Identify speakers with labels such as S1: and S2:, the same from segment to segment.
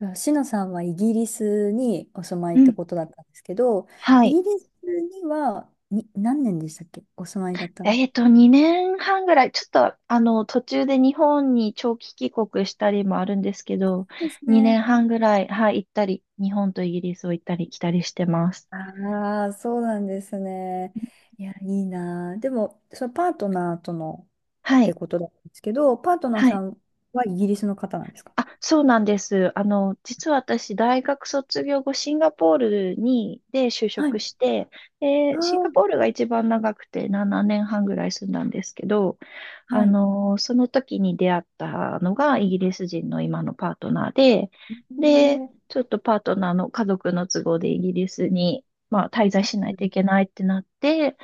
S1: あ、シノさんはイギリスにお住まい
S2: う
S1: って
S2: ん。
S1: ことだったんですけど、
S2: は
S1: イ
S2: い。
S1: ギリスにはに何年でしたっけ、お住まいだったの
S2: 2年半ぐらい、ちょっと、途中で日本に長期帰国したりもあるんですけど、
S1: です
S2: 2
S1: ね。
S2: 年半ぐらい、はい、行ったり、日本とイギリスを行ったり来たりしてます。
S1: ああー、そうなんですね。いや、いいなあ。でも、そのパートナーとの
S2: は
S1: って
S2: い。
S1: ことだったんですけど、パートナー
S2: は
S1: さ
S2: い。
S1: んはイギリスの方なんですか？
S2: あ、そうなんです。実は私、大学卒業後、シンガポールに、で就
S1: は
S2: 職
S1: い。
S2: して、で、
S1: あ
S2: シン
S1: あ
S2: ガ
S1: ー、
S2: ポールが一番長くて7年半ぐらい住んだんですけど、
S1: はい。
S2: その時に出会ったのがイギリス人の今のパートナーで、で、
S1: ねえ。
S2: ちょっとパートナーの家族の都合でイギリスに、まあ、滞在しないといけないってなって、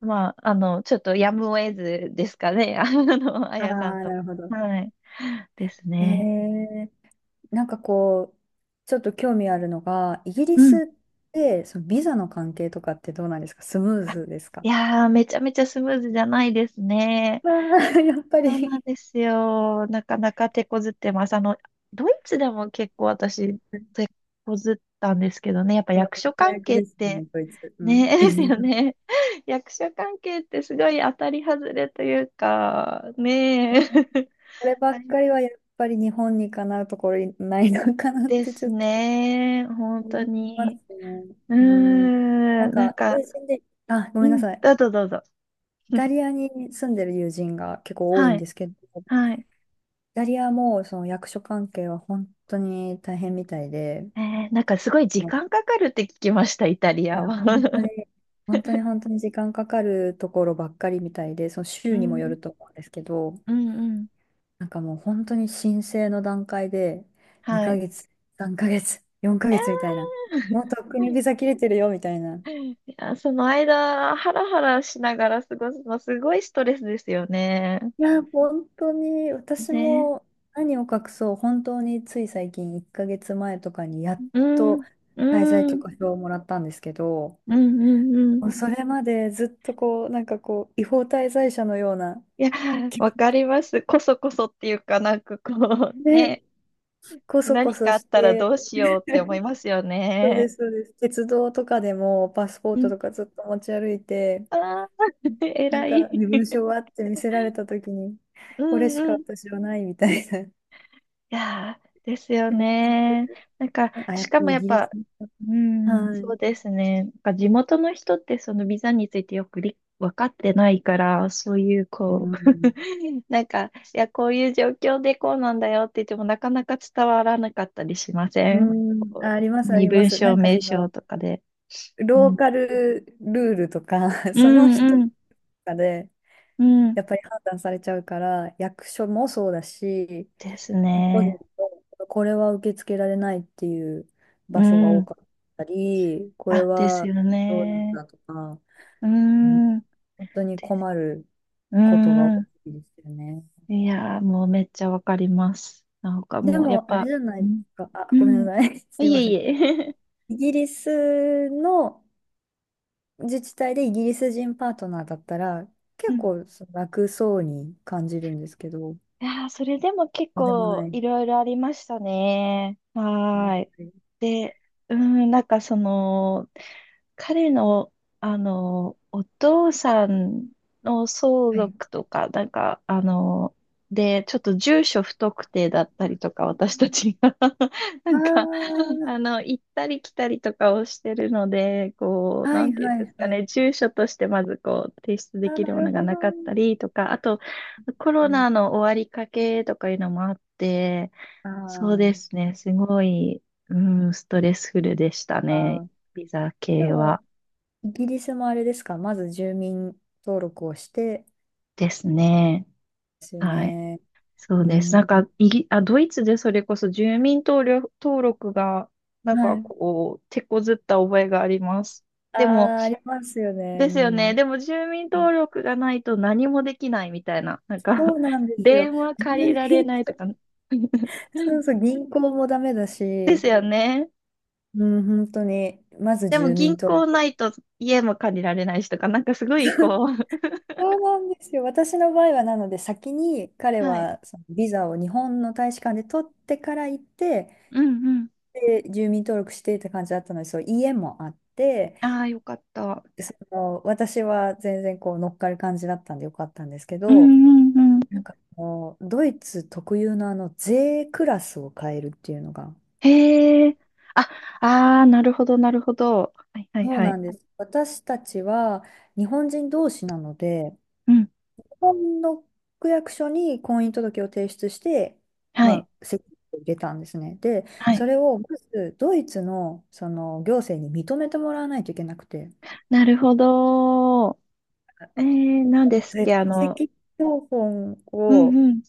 S2: まあ、ちょっとやむを得ずですかね、あ
S1: ああ、
S2: やさんと。
S1: なるほど。
S2: はい。です
S1: え
S2: ね。
S1: えなんかこう、ちょっと興味あるのが、イギリ
S2: うん。
S1: スってそのビザの関係とかってどうなんですか、スムー
S2: あ
S1: ズです
S2: い
S1: か？
S2: やー、めちゃめちゃスムーズじゃないですね。
S1: あー、 やっぱ
S2: そうなん
S1: り
S2: ですよ。なかなか手こずってます。ドイツでも結構私、手こずったんですけどね。やっぱ役所関
S1: 早く
S2: 係っ
S1: ですね、
S2: て、
S1: こいつ。うん。
S2: ね、ですよ ね。役所関係ってすごい当たり外れというか、ねえ。
S1: これ ば
S2: あ
S1: っ
S2: れ
S1: かりはやっぱり日本にかなうところにないのかなっ
S2: で
S1: て、ち
S2: す
S1: ょっと
S2: ね。本当
S1: 思います
S2: に。
S1: ね。
S2: う
S1: うん。
S2: ー
S1: なん
S2: ん、なん
S1: か
S2: か、
S1: 友人で、あ、ご
S2: う
S1: めんな
S2: ん、
S1: さい。
S2: どうぞどうぞ。
S1: イタリアに住んでる友人が結構多い
S2: は
S1: ん
S2: い、
S1: ですけど、イ
S2: はい。
S1: タリアもその役所関係は本当に大変みたいで、
S2: なんかすごい時間かかるって聞きました、イタリ
S1: いや、
S2: アは。
S1: 本当に、本当に時間かかるところばっかりみたいで、その
S2: う
S1: 週にもよ
S2: ん、
S1: ると思うんですけど、
S2: うん、うん。
S1: もう本当に申請の段階で、
S2: は
S1: 2
S2: い。
S1: ヶ月、3ヶ月、4
S2: い
S1: ヶ
S2: や
S1: 月みたいな、もうとっくに
S2: ー、
S1: ビザ 切れてるよみたいな。
S2: いや、その間、ハラハラしながら過ごすの、すごいストレスですよね。
S1: いや、本当に、私
S2: ね。
S1: も何を隠そう、本当につい最近、1ヶ月前とかにやっ
S2: う
S1: と
S2: ん、う
S1: 滞在
S2: ん、う
S1: 許
S2: ん、
S1: 可証をもらったんですけど、
S2: うん、うん。
S1: もうそれまでずっとこう、違法滞在者のような
S2: いや、
S1: 気持
S2: わかり
S1: ち
S2: ます。こそこそっていうかなんかこう、
S1: で、
S2: ね、
S1: こそ
S2: 何
S1: こそ
S2: かあっ
S1: し
S2: たら
S1: て、
S2: どうしようって思い ますよ
S1: そうで
S2: ね。
S1: す、そうです。鉄道とかでもパスポー
S2: う
S1: ト
S2: ん。
S1: とかずっと持ち歩いて、
S2: ああ、
S1: なん
S2: 偉
S1: か
S2: い。
S1: 身分証 はって見せられたときに、
S2: う
S1: これ
S2: ん、
S1: しか
S2: うん、
S1: 私はないみたいな、
S2: いやー、ですよ
S1: 気持ちで、
S2: ね。なんか、
S1: ね、あ、や
S2: し
S1: っぱ
S2: かも
S1: りイ
S2: やっ
S1: ギリ
S2: ぱ、
S1: ス。
S2: うん、
S1: は
S2: そ
S1: い。
S2: うですね。なんか地元の人ってそのビザについてよくり分かってないから、そういう
S1: う
S2: こう、
S1: ん。
S2: なんか、いや、こういう状況でこうなんだよって言ってもなかなか伝わらなかったりしませ
S1: う
S2: ん
S1: ん、あ、
S2: こう
S1: あります、あ
S2: 身
S1: りま
S2: 分
S1: す。
S2: 証明
S1: そ
S2: 証
S1: の、
S2: とかで。う
S1: ロー
S2: ん、
S1: カルルールとか、
S2: う
S1: その
S2: ん、
S1: 人と
S2: うん、
S1: かで、
S2: うん。
S1: やっぱり判断されちゃうから、役所もそうだし、
S2: です
S1: 個人
S2: ね。
S1: とこれは受け付けられないっていう
S2: う
S1: 場所が多
S2: ん。
S1: かったり、これ
S2: あ、です
S1: は
S2: よ
S1: どうなん
S2: ね。
S1: だとか、
S2: う
S1: うん、
S2: ん。
S1: 本当に
S2: です。
S1: 困る
S2: う
S1: ことが多
S2: ん。
S1: いですよね。
S2: いやー、もうめっちゃわかります。なんか
S1: で
S2: もう、やっ
S1: も、あれ
S2: ぱ、
S1: じゃな
S2: う
S1: いです
S2: ん、
S1: か。あ、
S2: う
S1: ごめんな
S2: ん、
S1: さい。すい
S2: いえ
S1: ませ
S2: い
S1: ん。
S2: え。
S1: イギリスの自治体でイギリス人パートナーだったら、
S2: う
S1: 結
S2: ん。
S1: 構その楽そうに感じるんですけど、
S2: いやー、それでも結
S1: そうでもな
S2: 構
S1: い。
S2: いろいろありましたね。
S1: は
S2: は
S1: い。
S2: ーい。で、うん、なんかその、彼の、お父さんの相
S1: はい。
S2: 続とか、なんか、で、ちょっと住所不特定だったりとか、私たち な
S1: あ
S2: んか、
S1: あ、
S2: 行ったり来たりとかをしてるので、こう、
S1: は
S2: な
S1: い
S2: んていうん
S1: は
S2: です
S1: い
S2: か
S1: はい。
S2: ね、住所としてまずこう、提出で
S1: あ、
S2: き
S1: な
S2: るも
S1: る
S2: のが
S1: ほど。
S2: なかったりとか、あと、コ
S1: う
S2: ロ
S1: ん、
S2: ナの終わりかけとかいうのもあって、
S1: あ
S2: そうで
S1: ー、
S2: すね、すごい、うん、ストレスフルでした
S1: あ
S2: ね、
S1: ー、
S2: ビザ
S1: で
S2: 系は。
S1: も、イギリスもあれですか、まず住民登録をして、
S2: ですね。
S1: ですよ
S2: はい。
S1: ね。
S2: そ
S1: う
S2: うです。なん
S1: ん。
S2: か、あ、ドイツでそれこそ住民登録が、なん
S1: は
S2: か
S1: い。
S2: こう、手こずった覚えがあります。
S1: あ
S2: でも、
S1: あ、ありますよね。
S2: で
S1: う
S2: すよね。
S1: ん。
S2: でも住民登録がないと何もできないみたいな。なんか
S1: そう なんですよ。
S2: 電話
S1: 住
S2: 借りられ
S1: 民、
S2: ないとか
S1: そうそう、銀行もダメだ
S2: です
S1: し、
S2: よね。
S1: うん、本当に、まず
S2: でも
S1: 住民
S2: 銀
S1: 登
S2: 行
S1: 録。
S2: ないと家も借りられないしとか、なんかすごいこ
S1: そうなんですよ。私の場合は、なので、先に彼
S2: う はい。
S1: はそのビザを日本の大使館で取ってから行って、
S2: うんうん。
S1: で、住民登録してって感じだったので、そう、家もあって、
S2: ああ、よかった。
S1: その私は全然こう乗っかる感じだったんでよかったんですけ
S2: う
S1: ど、
S2: んうんうん。
S1: ドイツ特有のあの税クラスを変えるっていうのが、
S2: へえ。あ、ああ、なるほど、なるほど。はいはい
S1: そう
S2: は
S1: な
S2: い。
S1: んです。私たちは日本人同士なので、
S2: うん。
S1: 日本の区役所に婚姻届を提出して、
S2: は
S1: ま
S2: い。
S1: あ、籍を入れたんですね。で、
S2: は
S1: そ
S2: い。
S1: れをまずドイツの、その行政に認めてもらわないといけなくて、
S2: なるほど。なんですっ
S1: で戸
S2: け、
S1: 籍謄本
S2: うん
S1: を
S2: うん。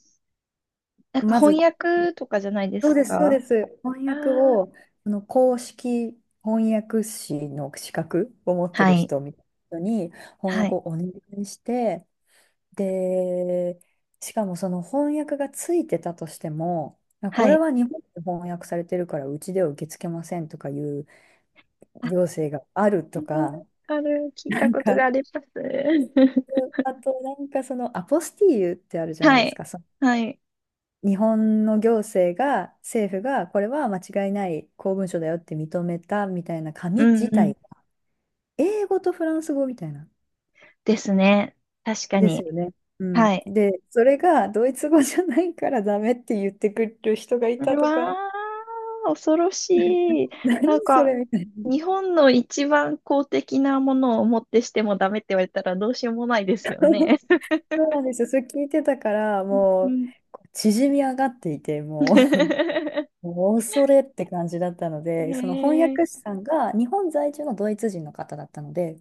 S2: なんか
S1: ま
S2: 翻
S1: ず
S2: 訳とかじゃないで
S1: そう
S2: す
S1: です、そ
S2: か？
S1: うです。翻
S2: ああ
S1: 訳
S2: ー、
S1: を、あの公式翻訳士の資格を持って
S2: は
S1: る
S2: い、
S1: 人みたいな人に翻
S2: は
S1: 訳
S2: い、
S1: をお願いして、で、しかもその翻訳がついてたとしても、まあこ
S2: は
S1: れ
S2: い。
S1: は日本で翻訳されてるからうちでは受け付けませんとかいう
S2: あ、
S1: 行政があるとか、
S2: 聞い
S1: な
S2: た
S1: ん
S2: こと
S1: か、
S2: があります。
S1: あとそのアポスティーユってあるじゃない
S2: は
S1: です
S2: い、
S1: か。
S2: はい、
S1: 日本の行政が、政府が、これは間違いない公文書だよって認めたみたいな
S2: う
S1: 紙
S2: ん
S1: 自
S2: うん。
S1: 体が、英語とフランス語みたいな、
S2: ですね。確か
S1: です
S2: に。
S1: よね。う
S2: は
S1: ん。
S2: い。
S1: で、それがドイツ語じゃないからダメって言ってくる人がい
S2: う
S1: たと
S2: わ
S1: か、
S2: ー、恐ろしい。
S1: 何
S2: なん
S1: そ
S2: か、
S1: れみたいな。
S2: 日本の一番公的なものをもってしてもダメって言われたらどうしようもないですよね。
S1: そうなんですよ。それ聞いてたから、
S2: う
S1: もう、
S2: ん。
S1: こう縮み上がっていて、も う、もう恐れって感じだったの
S2: へ
S1: で、その翻
S2: え。
S1: 訳師さんが日本在住のドイツ人の方だったので、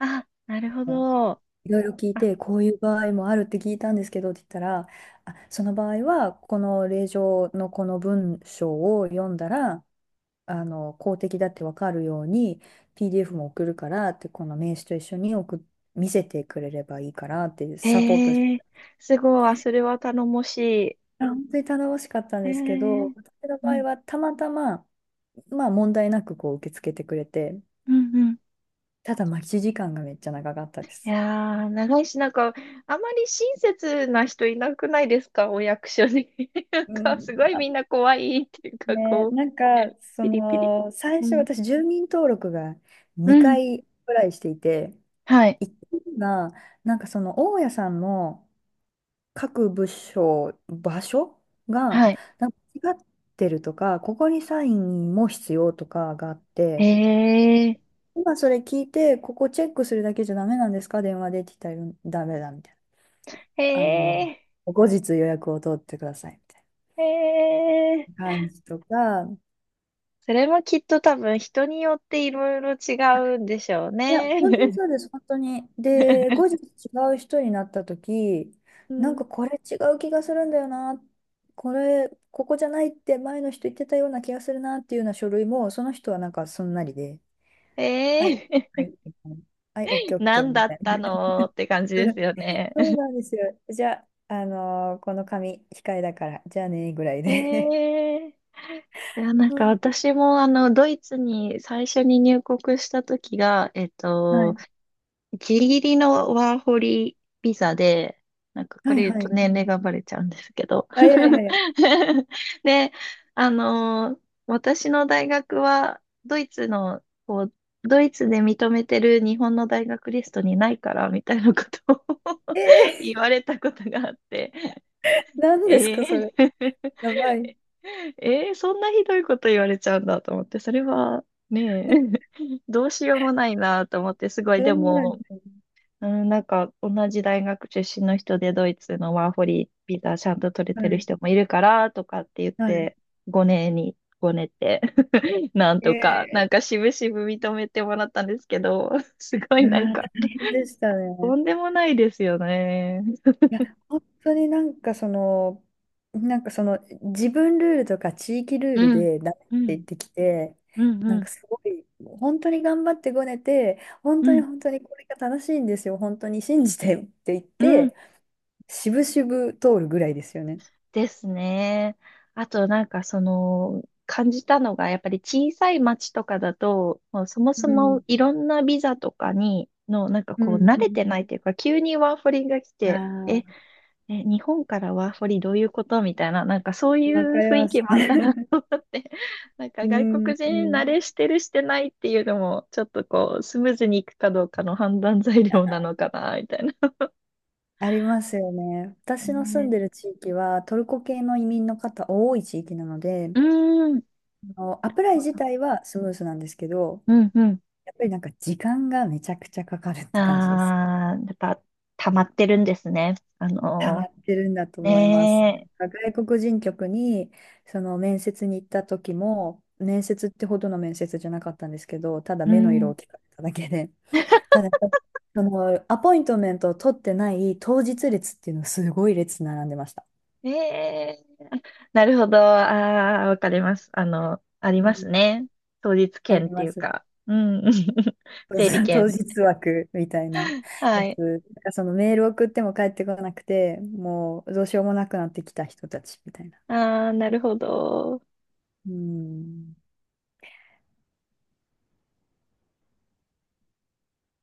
S2: あ、なるほど。
S1: いろいろ聞い
S2: あ
S1: て、こういう場合もあるって聞いたんですけどって言ったら、あ、その場合は、この令状のこの文章を読んだら、公的だってわかるように、PDF も送るからって、この名刺と一緒に送っ、見せてくれればいいからってサポートして
S2: へ
S1: た。
S2: え、すごい、あそれは頼もし
S1: あ、本当に頼もしかったん
S2: い。へえ、
S1: ですけ
S2: う
S1: ど、
S2: ん、
S1: 私の
S2: う
S1: 場合
S2: ん、
S1: はたまたま、まあ問題なくこう受け付けてくれて、
S2: うん。
S1: ただ待ち時間がめっちゃ長かったで
S2: い
S1: す。
S2: やー、長いし、なんか、あまり親切な人いなくないですか、お役所に。なん
S1: う
S2: か、
S1: ん、
S2: すごいみんな怖いっていうか、
S1: ね、
S2: こう、
S1: そ
S2: ピリピリ。
S1: の、最
S2: う
S1: 初
S2: ん、
S1: 私、住民登録が
S2: う
S1: 2
S2: ん、
S1: 回ぐらいしていて、
S2: はい、
S1: 1回が、大家さんの各部署、場所が、
S2: はい。
S1: なんか違ってるとか、ここにサインも必要とかがあっ
S2: へ
S1: て、
S2: え、
S1: 今それ聞いて、ここチェックするだけじゃダメなんですか電話でって言ったら、ダメだみたいな。
S2: へ
S1: あの、
S2: え、
S1: 後日予約を取ってくださいみたい
S2: へえ。
S1: な感じとか、
S2: それもきっと多分人によっていろいろ違うんでしょう
S1: いや、本当に
S2: ね。
S1: そうです、本当に。で、後 日違う人になった時、
S2: う
S1: なん
S2: ん、
S1: かこれ違う気がするんだよな、これ、ここじゃないって前の人言ってたような気がするなっていうような書類も、その人はなんかそんなりで、はい、
S2: へ
S1: は
S2: え。
S1: い、みたいな、はい、オッケーオッケー
S2: 何
S1: み
S2: だっ
S1: たい
S2: たのって感じ
S1: な。
S2: で すよね。
S1: そう なんですよ。じゃあ、この紙、控えだから、じゃあね、ぐらいで。
S2: ええいや、な ん
S1: う
S2: か
S1: ん、
S2: 私もドイツに最初に入国した時が、
S1: はい、
S2: ギリギリのワーホリビザで、なんかこ
S1: はい、
S2: れ言う
S1: は
S2: と年
S1: い。
S2: 齢がバレちゃうんですけど。
S1: あ、いやいやいや。
S2: で、あの、私の大学はドイツの、こう、ドイツで認めてる日本の大学リストにないから、みたいなことを 言
S1: え
S2: われたことがあって。
S1: ー、何です
S2: え
S1: か、それ。
S2: え
S1: やばい。
S2: ええそんなひどいこと言われちゃうんだと思って、それはね え、どうしようもないなと思って、すごい、
S1: そ
S2: で
S1: んなん、
S2: も、うん、なんか同じ大学出身の人でドイツのワーホリビザちゃんと取れ
S1: は
S2: てる
S1: い。
S2: 人もいるからとかって言っ
S1: はい、
S2: て、5年に、5年って、なんとか、なん
S1: え
S2: か
S1: え、
S2: 渋々認めてもらったんですけど、すご
S1: う
S2: いなん
S1: わ、
S2: か、
S1: 大変でした
S2: と
S1: ね。
S2: んでもないですよね。
S1: いや、本当に自分ルールとか地域ルール
S2: うん、
S1: でダ
S2: う
S1: メって
S2: ん、
S1: 言ってきて、
S2: うん、
S1: なん
S2: う
S1: か
S2: ん、
S1: すごい、本当に頑張ってごねて、本
S2: う
S1: 当に
S2: ん、
S1: 本当にこれが正しいんですよ、本当に信じてって言っ
S2: うん。
S1: て、しぶしぶ通るぐらいですよね。
S2: ですね。あとなんかその感じたのがやっぱり小さい町とかだともうそも
S1: う
S2: そも
S1: ん、
S2: いろんなビザとかにのなんか
S1: う
S2: こう
S1: ん、
S2: 慣
S1: う
S2: れ
S1: ん。
S2: てないというか急にワーホリが来てえ、
S1: あ
S2: え、日本からワーホリどういうことみたいななんかそうい
S1: あ、わ
S2: う
S1: かり
S2: 雰囲
S1: ま
S2: 気
S1: す。
S2: もあった なって なんか
S1: う
S2: 外
S1: ん、
S2: 国
S1: う
S2: 人慣れ
S1: ん。
S2: してるしてないっていうのもちょっとこうスムーズにいくかどうかの判断材料なのかなみたいな。
S1: ありますよね。私の住ん
S2: ね
S1: でる地域はトルコ系の移民の方多い地域なので、
S2: うーん。なる
S1: あのアプライ
S2: ほ
S1: 自
S2: ど
S1: 体はスムーズなんですけど、
S2: うんうん
S1: やっぱりなんか時間がめちゃくちゃかかるって感じです。
S2: ああ、やっぱ、溜まってるんですね。
S1: 溜まってるんだと思います。
S2: ね
S1: なんか外国人局にその面接に行った時も、面接ってほどの面接じゃなかったんですけど、ただ
S2: え、う
S1: 目の色
S2: ん。
S1: を聞かれただけで、ただそのアポイントメントを取ってない当日列っていうのがすごい列並んでました。
S2: ええ、なるほど。ああ、わかります。あり
S1: う
S2: ます
S1: ん、
S2: ね。当日
S1: あ
S2: 券
S1: り
S2: って
S1: ま
S2: いう
S1: す。
S2: か、うん。整理 券。
S1: 当日枠みたいな
S2: は
S1: や
S2: い。
S1: つ。なんかそのメール送っても返ってこなくて、もうどうしようもなくなってきた人たちみたいな。
S2: ああ、なるほど。
S1: うん。